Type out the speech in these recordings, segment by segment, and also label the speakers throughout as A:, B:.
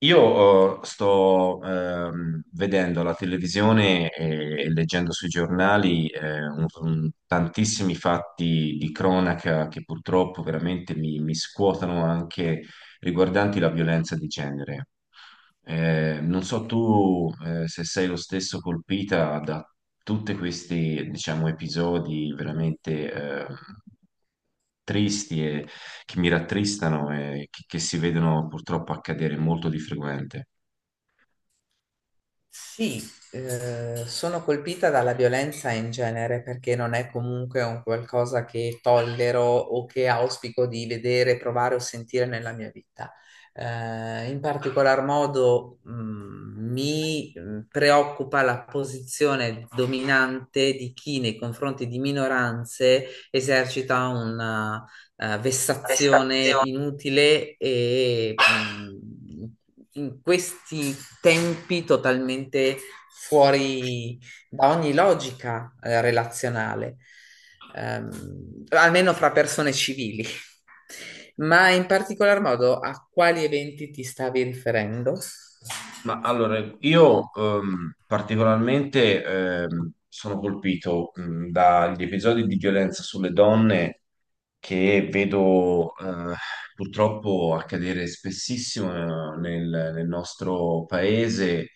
A: Io sto vedendo la televisione e leggendo sui giornali tantissimi fatti di cronaca che purtroppo veramente mi scuotono anche riguardanti la violenza di genere. Non so tu se sei lo stesso colpita da tutti questi, diciamo, episodi veramente tristi che mi rattristano e che si vedono purtroppo accadere molto di frequente.
B: Sì, sono colpita dalla violenza in genere perché non è comunque un qualcosa che tollero o che auspico di vedere, provare o sentire nella mia vita. In particolar modo, mi preoccupa la posizione dominante di chi nei confronti di minoranze esercita una vessazione
A: Prestazioni.
B: inutile e in questi tempi totalmente fuori da ogni logica, relazionale, almeno fra persone civili. Ma in particolar modo a quali eventi ti stavi riferendo?
A: Ma allora, io particolarmente sono colpito dagli episodi di violenza sulle donne che vedo purtroppo accadere spessissimo nel nostro paese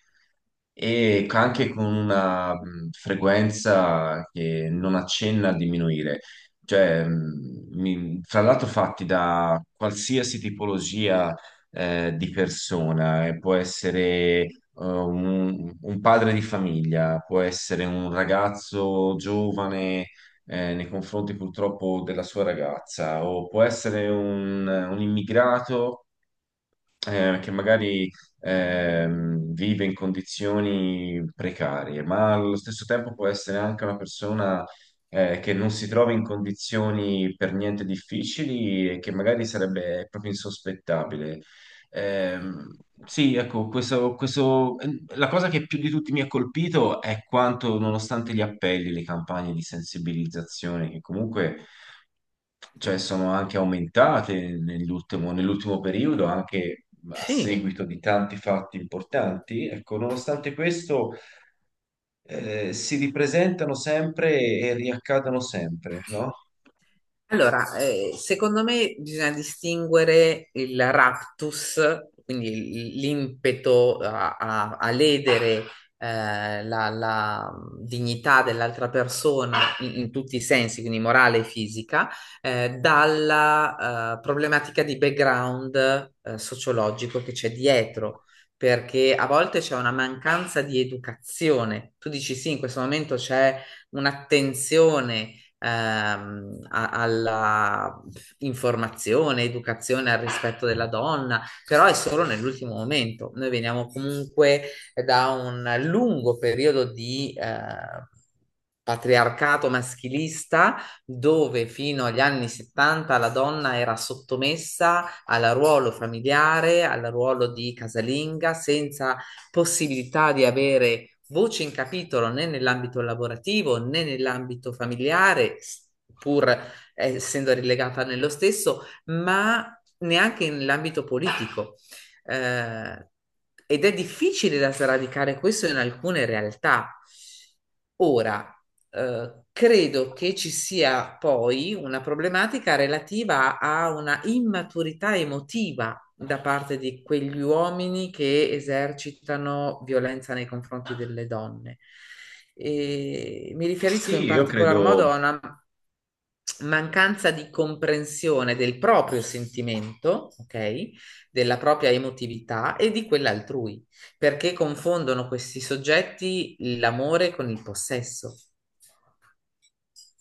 A: e anche con una frequenza che non accenna a diminuire. Cioè, tra l'altro fatti da qualsiasi tipologia di persona, può essere un padre di famiglia, può essere un ragazzo giovane nei confronti purtroppo della sua ragazza, o può essere un immigrato che magari vive in condizioni precarie, ma allo stesso tempo può essere anche una persona che non si trova in condizioni per niente difficili e che magari sarebbe proprio insospettabile. Ehm, sì, ecco, la cosa che più di tutti mi ha colpito è quanto, nonostante gli appelli, le campagne di sensibilizzazione che comunque cioè sono anche aumentate nell'ultimo periodo, anche a
B: Sì.
A: seguito di tanti fatti importanti. Ecco, nonostante questo, si ripresentano sempre e riaccadono sempre, no?
B: Allora, secondo me bisogna distinguere il raptus, quindi l'impeto a, a ledere la dignità dell'altra persona in, in tutti i sensi, quindi morale e fisica, dalla problematica di background sociologico che c'è dietro. Perché a volte c'è una mancanza di educazione. Tu dici sì, in questo momento c'è un'attenzione, alla informazione, educazione al rispetto della donna, però è solo nell'ultimo momento. Noi veniamo comunque da un lungo periodo di patriarcato maschilista, dove fino agli anni 70 la donna era sottomessa al ruolo familiare, al ruolo di casalinga, senza possibilità di avere voce in capitolo né nell'ambito lavorativo né nell'ambito familiare, pur essendo rilegata nello stesso, ma neanche nell'ambito politico. Eh, Ed è difficile da sradicare questo in alcune realtà. Ora, credo che ci sia poi una problematica relativa a una immaturità emotiva da parte di quegli uomini che esercitano violenza nei confronti delle donne. E mi riferisco
A: Sì,
B: in
A: io
B: particolar modo
A: credo.
B: a una mancanza di comprensione del proprio sentimento, ok? Della propria emotività e di quella altrui, perché confondono questi soggetti l'amore con il possesso.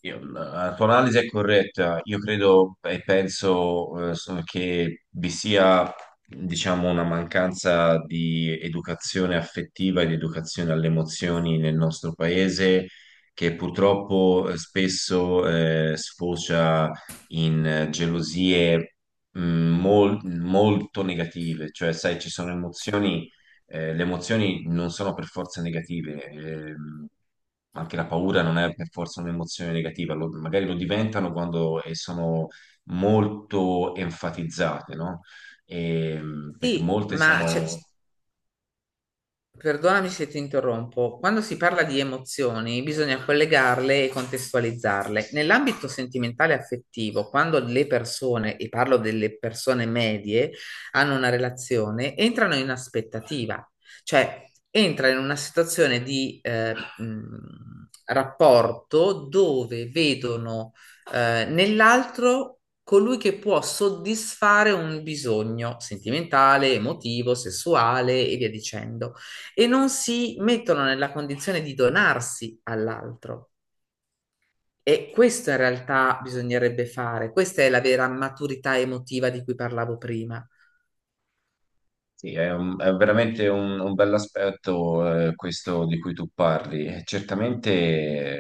A: La tua analisi è corretta. Io credo e penso che vi sia, diciamo, una mancanza di educazione affettiva e di educazione alle emozioni nel nostro paese, che purtroppo spesso sfocia in gelosie molto negative. Cioè, sai, ci sono emozioni le emozioni non sono per forza negative, anche la paura non è per forza un'emozione negativa, magari lo diventano quando sono molto enfatizzate, no? Perché
B: Sì,
A: molte
B: ma
A: sono.
B: perdonami se ti interrompo. Quando si parla di emozioni, bisogna collegarle e contestualizzarle. Nell'ambito sentimentale e affettivo, quando le persone, e parlo delle persone medie, hanno una relazione, entrano in aspettativa, cioè entra in una situazione di rapporto dove vedono nell'altro colui che può soddisfare un bisogno sentimentale, emotivo, sessuale e via dicendo, e non si mettono nella condizione di donarsi all'altro. E questo in realtà bisognerebbe fare, questa è la vera maturità emotiva di cui parlavo prima.
A: Sì, è veramente un bell'aspetto questo di cui tu parli. E certamente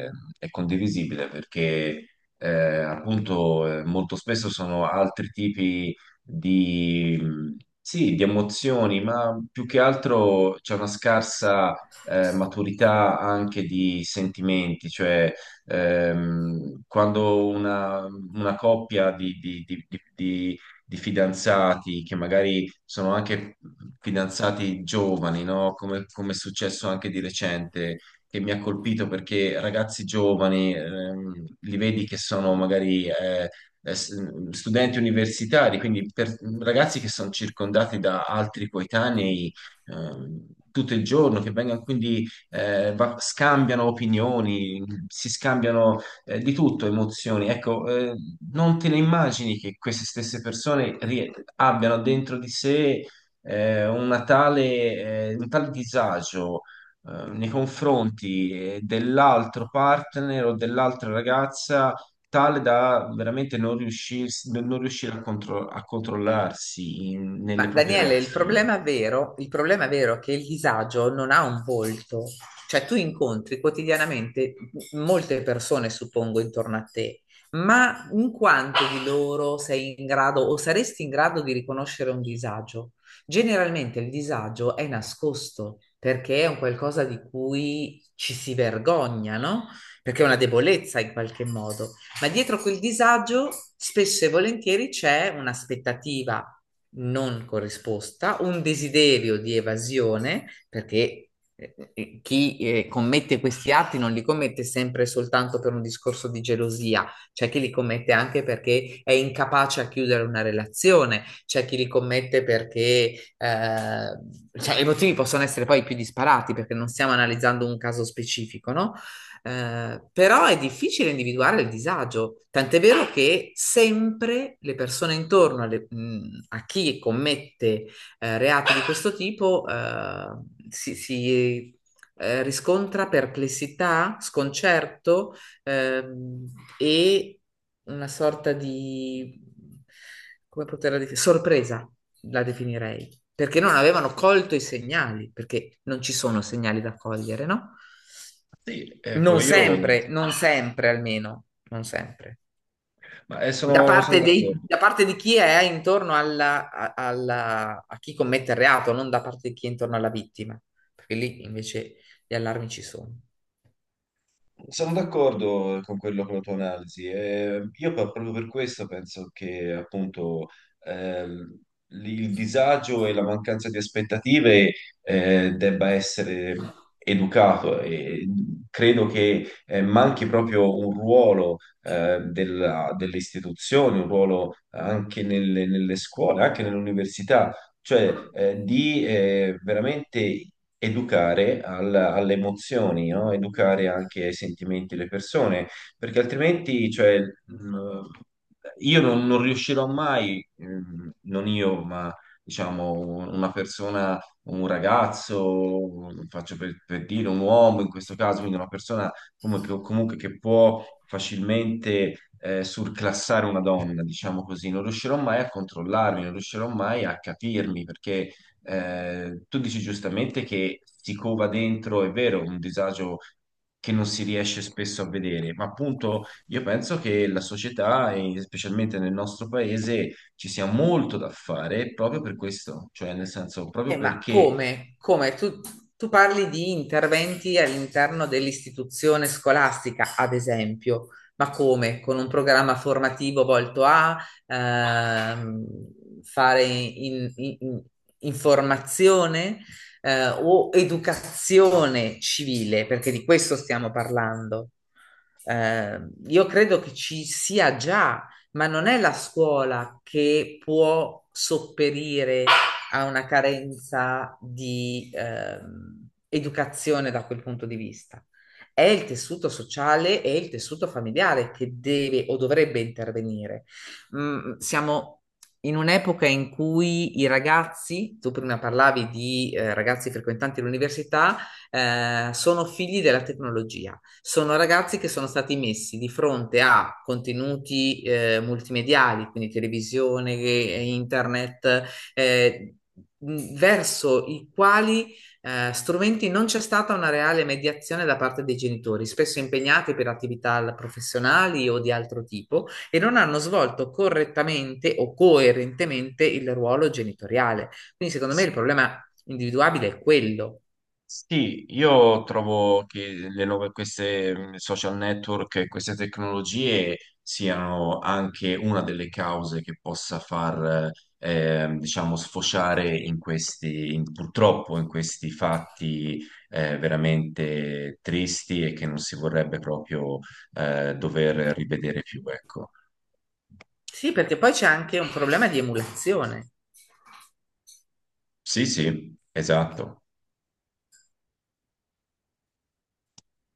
A: eh, è condivisibile perché eh, appunto molto spesso sono altri tipi di, sì, di emozioni, ma più che altro c'è una scarsa maturità anche di sentimenti, cioè quando una coppia di fidanzati che magari sono anche fidanzati giovani, no? Come, come è successo anche di recente, che mi ha colpito perché ragazzi giovani, li vedi che sono magari studenti universitari, quindi ragazzi che sono circondati da altri coetanei tutto il giorno, che vengono quindi scambiano opinioni, si scambiano di tutto emozioni. Ecco, non te ne immagini che queste stesse persone abbiano dentro di sé una tale disagio nei confronti dell'altro partner o dell'altra ragazza, tale da veramente non riuscire a controllarsi
B: Ma
A: nelle proprie
B: Daniele,
A: reazioni.
B: il problema vero è che il disagio non ha un volto, cioè tu incontri quotidianamente molte persone, suppongo, intorno a te, ma in quanto di loro sei in grado o saresti in grado di riconoscere un disagio? Generalmente il disagio è nascosto perché è un qualcosa di cui ci si vergogna, no? Perché è una debolezza in qualche modo. Ma dietro quel disagio spesso e volentieri c'è un'aspettativa non corrisposta, un desiderio di evasione, perché chi commette questi atti non li commette sempre soltanto per un discorso di gelosia, c'è chi li commette anche perché è incapace a chiudere una relazione, c'è chi li commette perché cioè, i motivi possono essere poi più disparati perché non stiamo analizzando un caso specifico, no? Però è difficile individuare il disagio, tant'è vero che sempre le persone a chi commette reati di questo tipo riscontra perplessità, sconcerto, ehm, e una sorta di, come poterla definire, sorpresa la definirei, perché non avevano colto i segnali, perché non ci sono segnali da cogliere, no?
A: Sì, ecco,
B: Non
A: io,
B: sempre, non sempre almeno, non sempre.
A: ma,
B: Da
A: sono
B: parte
A: d'accordo.
B: da parte di chi è intorno a, a chi commette il reato, non da parte di chi è intorno alla vittima, perché lì invece gli allarmi ci sono.
A: Sono d'accordo con quello, con la tua analisi. Proprio per questo penso che appunto ehm, il disagio e la mancanza di aspettative debba essere educato, e credo che manchi proprio un ruolo delle istituzioni, un ruolo anche nelle scuole, anche nell'università, cioè di veramente educare alle emozioni, no? Educare anche ai sentimenti delle persone, perché altrimenti, cioè, io non riuscirò mai, non io, ma diciamo una persona, un ragazzo, faccio per dire un uomo in questo caso, quindi una persona comunque che può facilmente surclassare una donna, diciamo così, non riuscirò mai a controllarmi, non riuscirò mai a capirmi, perché tu dici giustamente che si cova dentro, è vero, un disagio che non si riesce spesso a vedere, ma appunto io penso che la società, e specialmente nel nostro paese, ci sia molto da fare proprio per questo, cioè nel senso proprio
B: Ma
A: perché.
B: come? Come? Tu, tu parli di interventi all'interno dell'istituzione scolastica, ad esempio, ma come? Con un programma formativo volto a, ehm, fare informazione o educazione civile, perché di questo stiamo parlando. Eh, io credo che ci sia già, ma non è la scuola che può sopperire ha una carenza di educazione da quel punto di vista. È il tessuto sociale e il tessuto familiare che deve o dovrebbe intervenire. Mm, siamo in un'epoca in cui i ragazzi, tu prima parlavi di ragazzi frequentanti l'università, sono figli della tecnologia, sono ragazzi che sono stati messi di fronte a contenuti multimediali, quindi televisione, internet, eh, verso i quali strumenti non c'è stata una reale mediazione da parte dei genitori, spesso impegnati per attività professionali o di altro tipo, e non hanno svolto correttamente o coerentemente il ruolo genitoriale. Quindi, secondo me, il problema individuabile è quello.
A: Sì, io trovo che le nuove, queste social network, e queste tecnologie siano anche una delle cause che possa far, diciamo, sfociare in questi, purtroppo in questi fatti veramente tristi e che non si vorrebbe proprio dover rivedere più, ecco.
B: Sì, perché poi c'è anche un problema di emulazione.
A: Sì, sì, esatto.